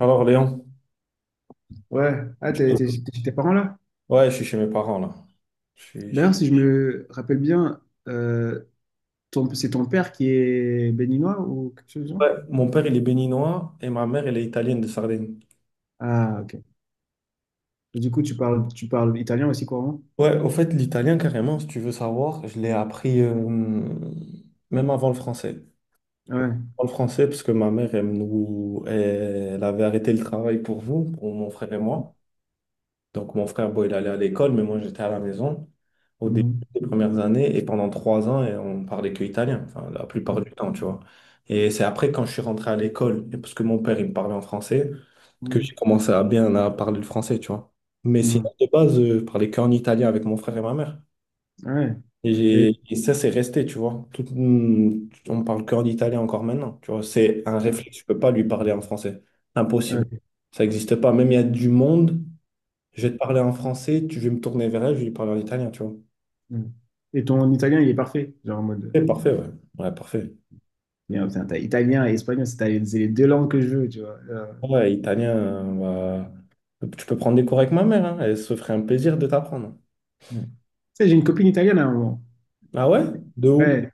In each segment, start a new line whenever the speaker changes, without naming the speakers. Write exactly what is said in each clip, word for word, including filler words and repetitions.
Alors Léon,
Ouais, ah, t'es
Tu-
t'es- t'es chez tes parents là?
ouais, je suis chez mes parents là. Je suis chez-
D'ailleurs, si je me rappelle bien, euh, ton- c'est ton père qui est béninois ou quelque chose du genre?
Ouais, mon père il est béninois et ma mère elle est italienne de Sardaigne.
Ah, ok. Et du coup, tu parles, tu parles italien aussi couramment?
Ouais, au fait l'italien carrément, si tu veux savoir, je l'ai appris euh, même avant le français.
Ah, ouais.
Avant le français parce que ma mère elle nous, elle avait arrêté le travail pour vous, pour mon frère et moi. Donc, mon frère, bon, il allait à l'école, mais moi, j'étais à la maison au début
Mhm.
des premières années et pendant trois ans, et on parlait que italien, enfin, la plupart du temps, tu vois. Et c'est après, quand je suis rentré à l'école, et parce que mon père, il me parlait en français, que j'ai
Mhm.
commencé à bien à parler le français, tu vois. Mais
Mhm.
sinon, de base, euh, je parlais qu'en italien avec mon frère et ma mère.
Ouais.
Et,
Et,
j'ai- et ça, c'est resté, tu vois. Tout, hum, on parle qu'en italien encore maintenant, tu vois. C'est un réflexe, je peux pas lui parler en français.
ouais,
Impossible.
ok.
Ça n'existe pas. Même il y a du monde. Je vais te parler en français, tu veux me tourner vers elle, je vais lui parler en italien, tu vois.
Mhm. Et ton italien, il est parfait. Genre en mode.
C'est parfait, ouais. Ouais, parfait.
Bien, putain, t'as italien et espagnol, c'est t'as- c'est les deux langues que je veux, tu vois. Euh,
Ouais, italien, euh, bah, tu peux prendre des cours avec ma mère, hein, elle se ferait un plaisir de t'apprendre.
ouais. Tu sais, j'ai une copine italienne à un moment.
Ah ouais? De où?
Ouais,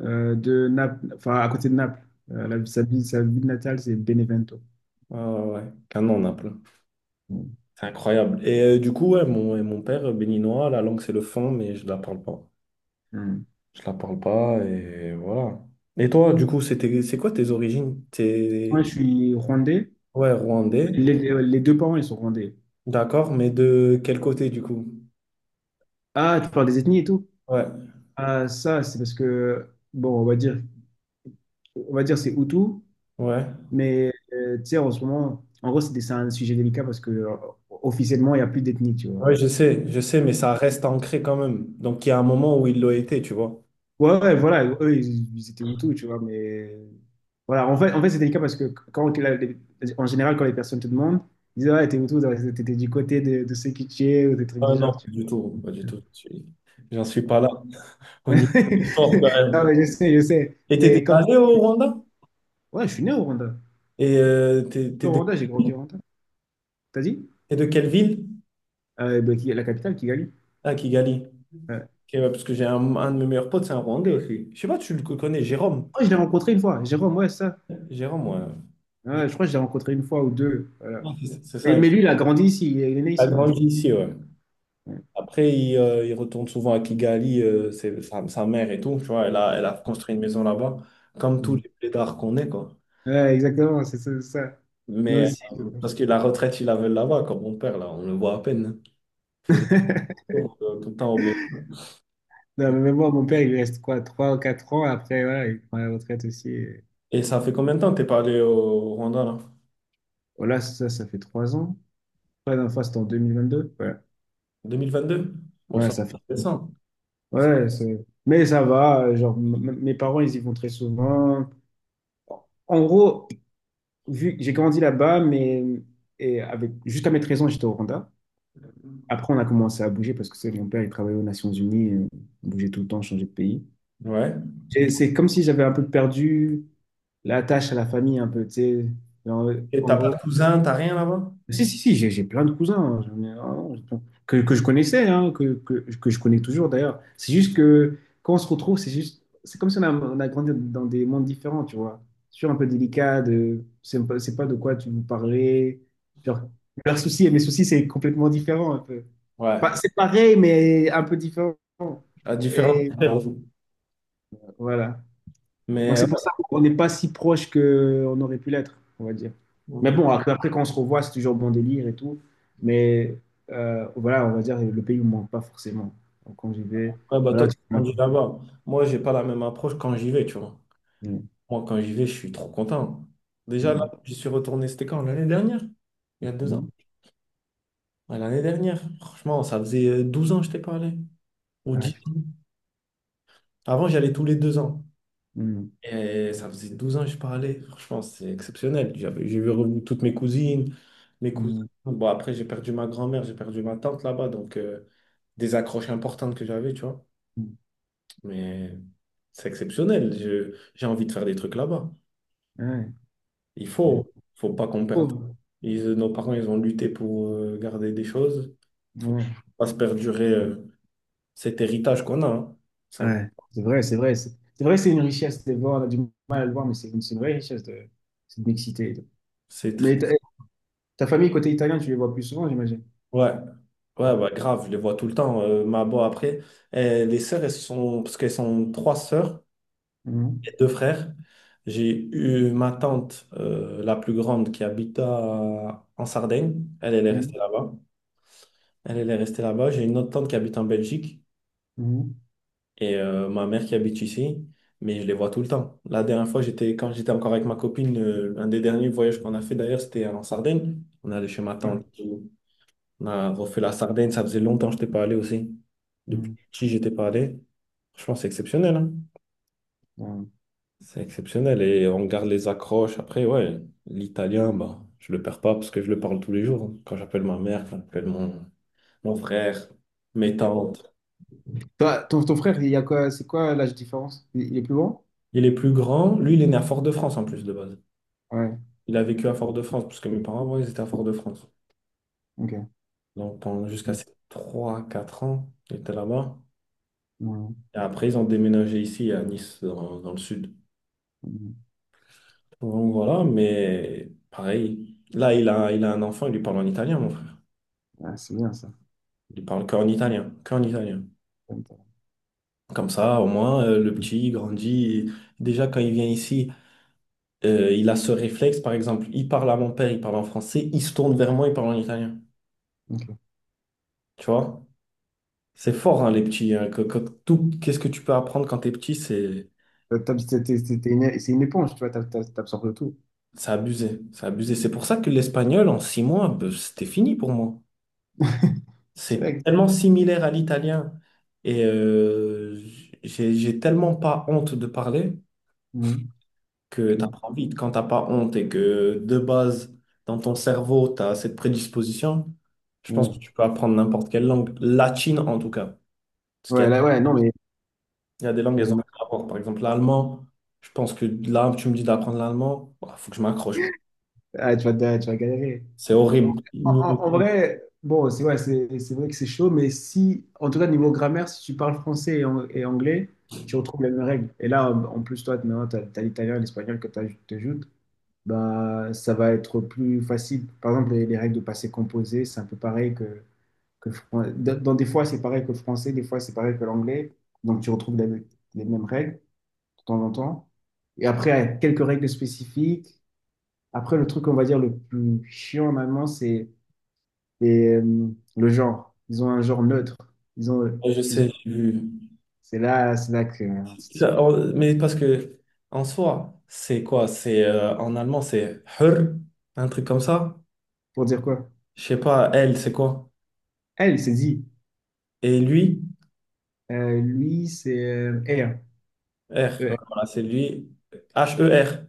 euh, de Naples, enfin à côté de Naples. Euh, la- sa ville, sa ville natale, c'est Benevento.
Ah ouais, un an, plein. C'est incroyable. Et euh, du coup, ouais, mon, et mon père, euh, béninois, la langue, c'est le fond, mais je la parle pas.
Hmm.
Je la parle pas, et voilà. Et toi, du coup, c'était, c'est quoi tes origines?
Moi,
T'es,
je suis rwandais.
ouais, rwandais,
Les, les deux parents, ils sont rwandais.
d'accord, mais de quel côté, du coup?
Ah, tu parles des ethnies et tout?
Ouais,
Ah, ça, c'est parce que, bon, on va dire, on va dire c'est Hutu,
ouais.
mais euh, tu sais, en ce moment, en gros, c'est des- c'est un sujet délicat parce que euh, officiellement, il n'y a plus d'ethnie, tu vois.
Ouais, je sais, je sais, mais ça reste ancré quand même. Donc, il y a un moment où il l'a été, tu vois.
Ouais, ouais, voilà, eux, ils, ils étaient Hutus, tu vois, mais voilà, en fait, en fait c'est délicat parce que quand, la- les- en général, quand les personnes te demandent, ils disent, ah, t'es Hutu, t'es t'es du côté de, de ceux qui tuaient ou des trucs
Ah
du
non,
genre,
pas
tu
du tout, pas du tout. Je suis- J'en suis pas
vois.
là. Au niveau du sport, quand
Non,
même.
mais je sais, je sais.
Et t'es déjà
Mais comme...
allé au Rwanda?
Ouais, je suis né au Rwanda.
Et euh, t'es,
Je
t'es
suis Au
de,
Rwanda, j'ai grandi au Rwanda. T'as dit?
t'es de quelle ville?
Euh, ben, qui- la capitale, Kigali.
Ah, Kigali.
Ouais.
Ok, ouais, parce que j'ai un, un de mes meilleurs potes, c'est un Rwandais aussi. Je sais pas, tu le connais, Jérôme.
Oh, je l'ai rencontré une fois. Jérôme, ouais, ça.
Jérôme, ouais.
Ouais, je crois que je l'ai rencontré une fois ou deux. Voilà.
Non, C'est c'est
Mais,
ça, il
mais lui, il a grandi ici. Il est né
a
ici, non? je-
grandi ici, ouais.
Ouais,
Après, il, euh, il retourne souvent à Kigali, euh, c'est sa, sa mère et tout, tu vois, elle a, elle a construit une maison là-bas, comme tous
Mm.
les plaidards qu'on est, quoi.
Ouais, exactement, c'est ça. c'est ça. Nous
Mais
aussi.
euh, parce que la retraite, ils la veulent là-bas, comme mon père, là, on le voit à peine, hein. Il fait des tours euh, tout le temps au Bénin.
Non, mais même moi, mon père, il lui reste quoi, trois ou quatre ans. Après, voilà, il prend la retraite aussi.
Et ça fait combien de temps que t'es pas allé au Rwanda, là?
Voilà, ça, ça fait trois ans. La dernière fois, c'était en deux mille vingt-deux. Ouais,
deux mille vingt-deux? Bon,
ouais
ça,
ça fait.
c'est récent.
Ouais, c'est- mais ça va. euh, Genre, m- m- mes parents, ils y vont très souvent. En gros, vu que j'ai grandi là-bas, mais et avec jusqu'à mes treize ans, j'étais au Rwanda. Après, on a commencé à bouger parce que c'est mon père, il travaillait aux Nations Unies, euh, on bougeait tout le temps, changeait de pays.
Ouais.
Et C'est comme si j'avais un peu perdu l'attache à la famille, un peu, tu sais. Genre,
Et
en
t'as pas de
gros,
cousin, t'as rien là-bas?
si, si, si, j'ai j'ai plein de cousins, hein, j'en ai- ah, que, que je connaissais, hein, que, que, que je connais toujours d'ailleurs. C'est juste que quand on se retrouve, c'est juste, c'est comme si on a, on a grandi dans des mondes différents, tu vois. Sur un peu délicat, de, c'est pas, c'est pas de quoi tu veux parler. Genre, leurs soucis et mes soucis, c'est complètement différent un peu.
Ouais,
Pas- c'est pareil, mais un peu différent.
à différents
Et
niveaux.
voilà. Donc
Mais ouais,
c'est pour ça qu'on n'est pas si proche qu'on aurait pu l'être, on va dire. Mais
ok.
bon, après après, quand on se revoit, c'est toujours bon délire et tout. Mais euh, voilà, on va dire, le pays ne manque pas forcément. Donc quand j'y vais,
Ouais, bah toi,
voilà.
t'as
Tu...
grandi là-bas. Moi, j'ai pas la même approche quand j'y vais, tu vois.
Mm,
Moi, quand j'y vais, je suis trop content. Déjà, là,
mm,
j'y suis retourné, c'était quand? L'année dernière? Il y a deux ans?
mm.
Ouais, l'année dernière. Franchement, ça faisait euh, douze ans que je t'ai parlé. Ou
Ah,
dix ans.
putain.
Avant, j'allais tous les deux ans.
Mm,
Et ça faisait douze ans que je parlais. Franchement, c'est exceptionnel. J'avais, j'ai vu revenir toutes mes cousines, mes cousins.
mm,
Bon, après, j'ai perdu ma grand-mère, j'ai perdu ma tante là-bas. Donc, euh, des accroches importantes que j'avais, tu vois.
mm.
Mais c'est exceptionnel. Je- j'ai envie de faire des trucs là-bas.
Mm. Ah, ouais,
Il
c'est bien.
faut, faut pas qu'on perde.
Oh,
Ils- nos parents, ils ont lutté pour euh, garder des choses. Faut
ouais.
pas se perdurer euh, cet héritage qu'on a, hein. C'est un-
Ouais, c'est vrai, c'est vrai. C'est c'est vrai que c'est une richesse de voir, on a du mal à le voir, mais c'est une, c'est une vraie richesse de, c'est de m'exciter. Et tout.
c'est très.
Mais ta, ta, famille côté italien, tu les vois plus souvent, j'imagine.
Ouais, ouais, bah, grave, je les vois tout le temps. Euh, ma bo après, euh, les sœurs, elles sont, parce qu'elles sont trois sœurs
Mhm,
et deux frères. J'ai eu ma tante, euh, la plus grande, qui habite à- en Sardaigne. Elle, elle est
mhm,
restée là-bas. Elle, elle est restée là-bas. J'ai une autre tante qui habite en Belgique.
mhm.
Et euh, ma mère qui habite ici, mais je les vois tout le temps. La dernière fois, j'étais, quand j'étais encore avec ma copine, euh, un des derniers voyages qu'on a fait d'ailleurs, c'était en Sardaigne. On allait chez ma
Ouais.
tante. On a refait la Sardaigne. Ça faisait longtemps que je n'étais pas allé aussi. Depuis
Mhm.
petit, je n'étais pas allé. Franchement, c'est exceptionnel, hein.
Ouais.
C'est exceptionnel. Et on garde les accroches. Après, ouais, l'italien, bah, je le perds pas parce que je le parle tous les jours. Quand j'appelle ma mère, quand j'appelle mon, mon frère, mes tantes.
Toi, ton, ton frère, il y a quoi, c'est quoi l'âge différence? Il, il est plus grand?
Il est plus grand. Lui, il est né à Fort-de-France en plus de base.
Ouais,
Il a vécu à Fort-de-France, parce que mes parents, avant, ils étaient à Fort-de-France.
ok.
Donc, pendant jusqu'à
Ouais.
ses trois quatre ans, ils étaient là-bas. Et après, ils ont déménagé ici, à Nice, dans, dans le sud.
Mhm.
Donc, voilà, mais pareil. Là, il a, il a un enfant, il lui parle en italien, mon frère.
Ah, c'est bien ça.
Il lui parle qu'en italien, qu'en italien. Comme ça, au moins, euh, le petit, il grandit. Et déjà, quand il vient ici, euh, il a ce réflexe, par exemple, il parle à mon père, il parle en français, il se tourne vers moi, il parle en italien.
Ok.
Tu vois? C'est fort, hein, les petits, hein, que- que- tout, qu'est-ce que tu peux apprendre quand t'es petit, c'est
T'as- t'as- t'es- t'es- t'es- t'es une- C'est une éponge, tu vois, t'as- t'as- t'absorbes tout.
c'est abusé. C'est abusé. C'est pour ça que l'espagnol, en six mois, ben, c'était fini pour moi. C'est
Direct.
tellement similaire à l'italien. Et euh, j'ai j'ai tellement pas honte de parler
Mhm.
que
Ok.
t'apprends vite. Quand t'as pas honte et que de base, dans ton cerveau, t'as cette prédisposition, je pense que
Ouais.
tu peux apprendre n'importe quelle langue. Latine, en tout cas. Parce qu'il y
Ouais,
a
là, ouais, non, mais
Il y a des langues, elles ont un
j'imagine-
rapport. Par exemple, l'allemand, je pense que là, tu me dis d'apprendre l'allemand, il faut que je m'accroche.
ah, tu vas, te- tu vas galérer.
C'est horrible.
En,
Ouais,
en- en vrai, bon, c'est ouais, c'est c'est vrai que c'est chaud, mais si, en tout cas, niveau grammaire, si tu parles français et, an- et anglais, tu retrouves les mêmes règles. Et là, en en plus, toi, maintenant, t'as, t'as l'italien et l'espagnol que tu ajoutes bah, ça va être plus facile. Par exemple, les, les règles de passé composé, c'est un peu pareil que, que le fran- dans dans des fois, c'est pareil que le français, des fois, c'est pareil que l'anglais. Donc, tu retrouves les, les mêmes règles de temps en temps. Et après, il y a quelques règles spécifiques. Après, le truc, on va dire, le plus chiant en allemand, c'est les, euh, le genre. Ils ont un genre neutre. Ils ont,
je
ils ont-
sais, j'ai vu.
c'est là, C'est là que, euh,
Ça, en- Mais parce que, en soi, c'est quoi? C'est euh, en allemand, c'est her, un truc comme ça.
pour dire quoi?
Je sais pas, elle, c'est quoi?
Elle, c'est dit.
Et lui,
Euh, lui, c'est euh,
R. Ouais,
er.
voilà, c'est lui, H-E-R.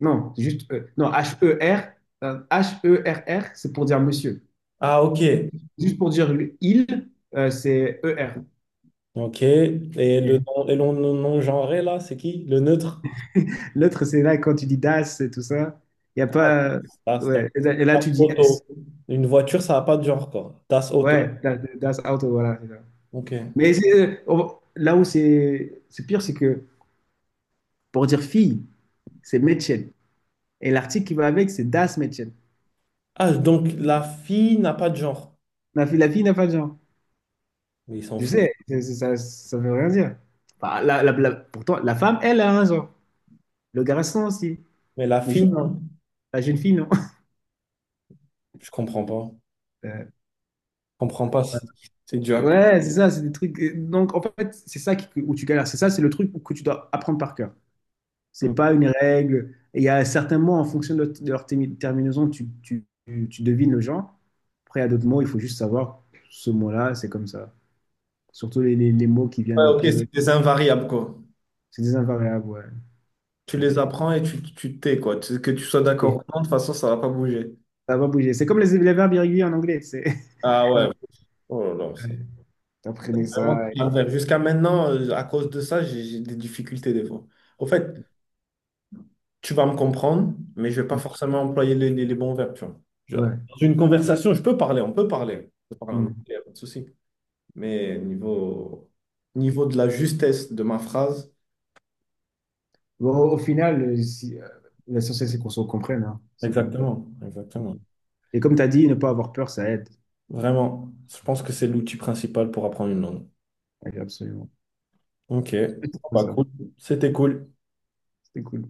Non, juste E. Non, H E R. euh, H E R R, c'est pour dire monsieur.
Ah, ok.
Juste pour dire le- il, euh, c'est E R.
Ok. Et le
Et
non, et l'on- non- non-genré, là, c'est qui? Le neutre?
L'autre, c'est là quand tu dis das et tout ça. Il n'y a
Ah,
pas.
tas das,
Ouais. Et là, et là,
das
tu dis S.
auto. Une voiture, ça n'a pas de genre, quoi. Tas auto.
Ouais, that- that's out. Voilà. c'est ça.
Ok.
Mais c'est- euh, on- là où c'est c'est pire, c'est que pour dire fille, c'est Mädchen. Et l'article qui va avec, c'est das Mädchen.
Ah, donc la fille n'a pas de genre.
La fille, la fille n'a pas de genre.
Mais il s'en
Je
fout.
sais, c'est- c'est- ça ne veut rien dire. Bah, la- la- la- pourtant, la femme, elle a un genre. Le garçon aussi.
Mais la
Mais
fille,
juste
non.
la jeune fille, non?
Je comprends pas.
Euh,
Je comprends pas. C'est c'est dû à quoi?
ouais, c'est ça, c'est des trucs. Donc, en fait, c'est ça qui- où tu galères. C'est ça, c'est le truc que tu dois apprendre par cœur. C'est
Mm.
pas une règle. Et Il y a certains mots, en fonction de, de leur termi- terminaison, tu, tu, tu tu devines le genre. Après, il y a d'autres mots, il faut juste savoir ce mot-là, c'est comme ça. Surtout les, les- les mots qui
Ouais,
viennent un
ok,
peu.
c'est des invariables, quoi.
C'est des invariables, ouais.
Tu
Euh,
les apprends et tu tu t'es, quoi. Tu- Que tu sois d'accord
Et
ou non, de toute façon, ça va pas bouger.
ça va bouger. C'est comme les, les verbes irréguliers en anglais. C'est.
Ah
Voilà.
ouais. Oh là là, c'est
T'apprenais
vraiment
ça. et-
un calvaire. Jusqu'à maintenant, euh, à cause de ça, j'ai j'ai des difficultés des fois. Au fait, tu vas me comprendre, mais je ne vais pas forcément employer les, les- les bons verbes, tu vois. Je-
Ouais.
dans une conversation, je peux parler, on peut parler. On peut parler en anglais,
Mm.
y a pas de souci. Mais niveau, niveau de la justesse de ma phrase.
Bon, au au final, euh, si, euh, l'essentiel, c'est qu'on se comprenne. hein. C'est bon.
Exactement, exactement.
Et comme tu as dit, ne pas avoir peur, ça aide.
Vraiment, je pense que c'est l'outil principal pour apprendre une langue.
Ouais, Absolument.
Ok,
C'est
bah
ça.
cool, c'était cool.
C'était cool.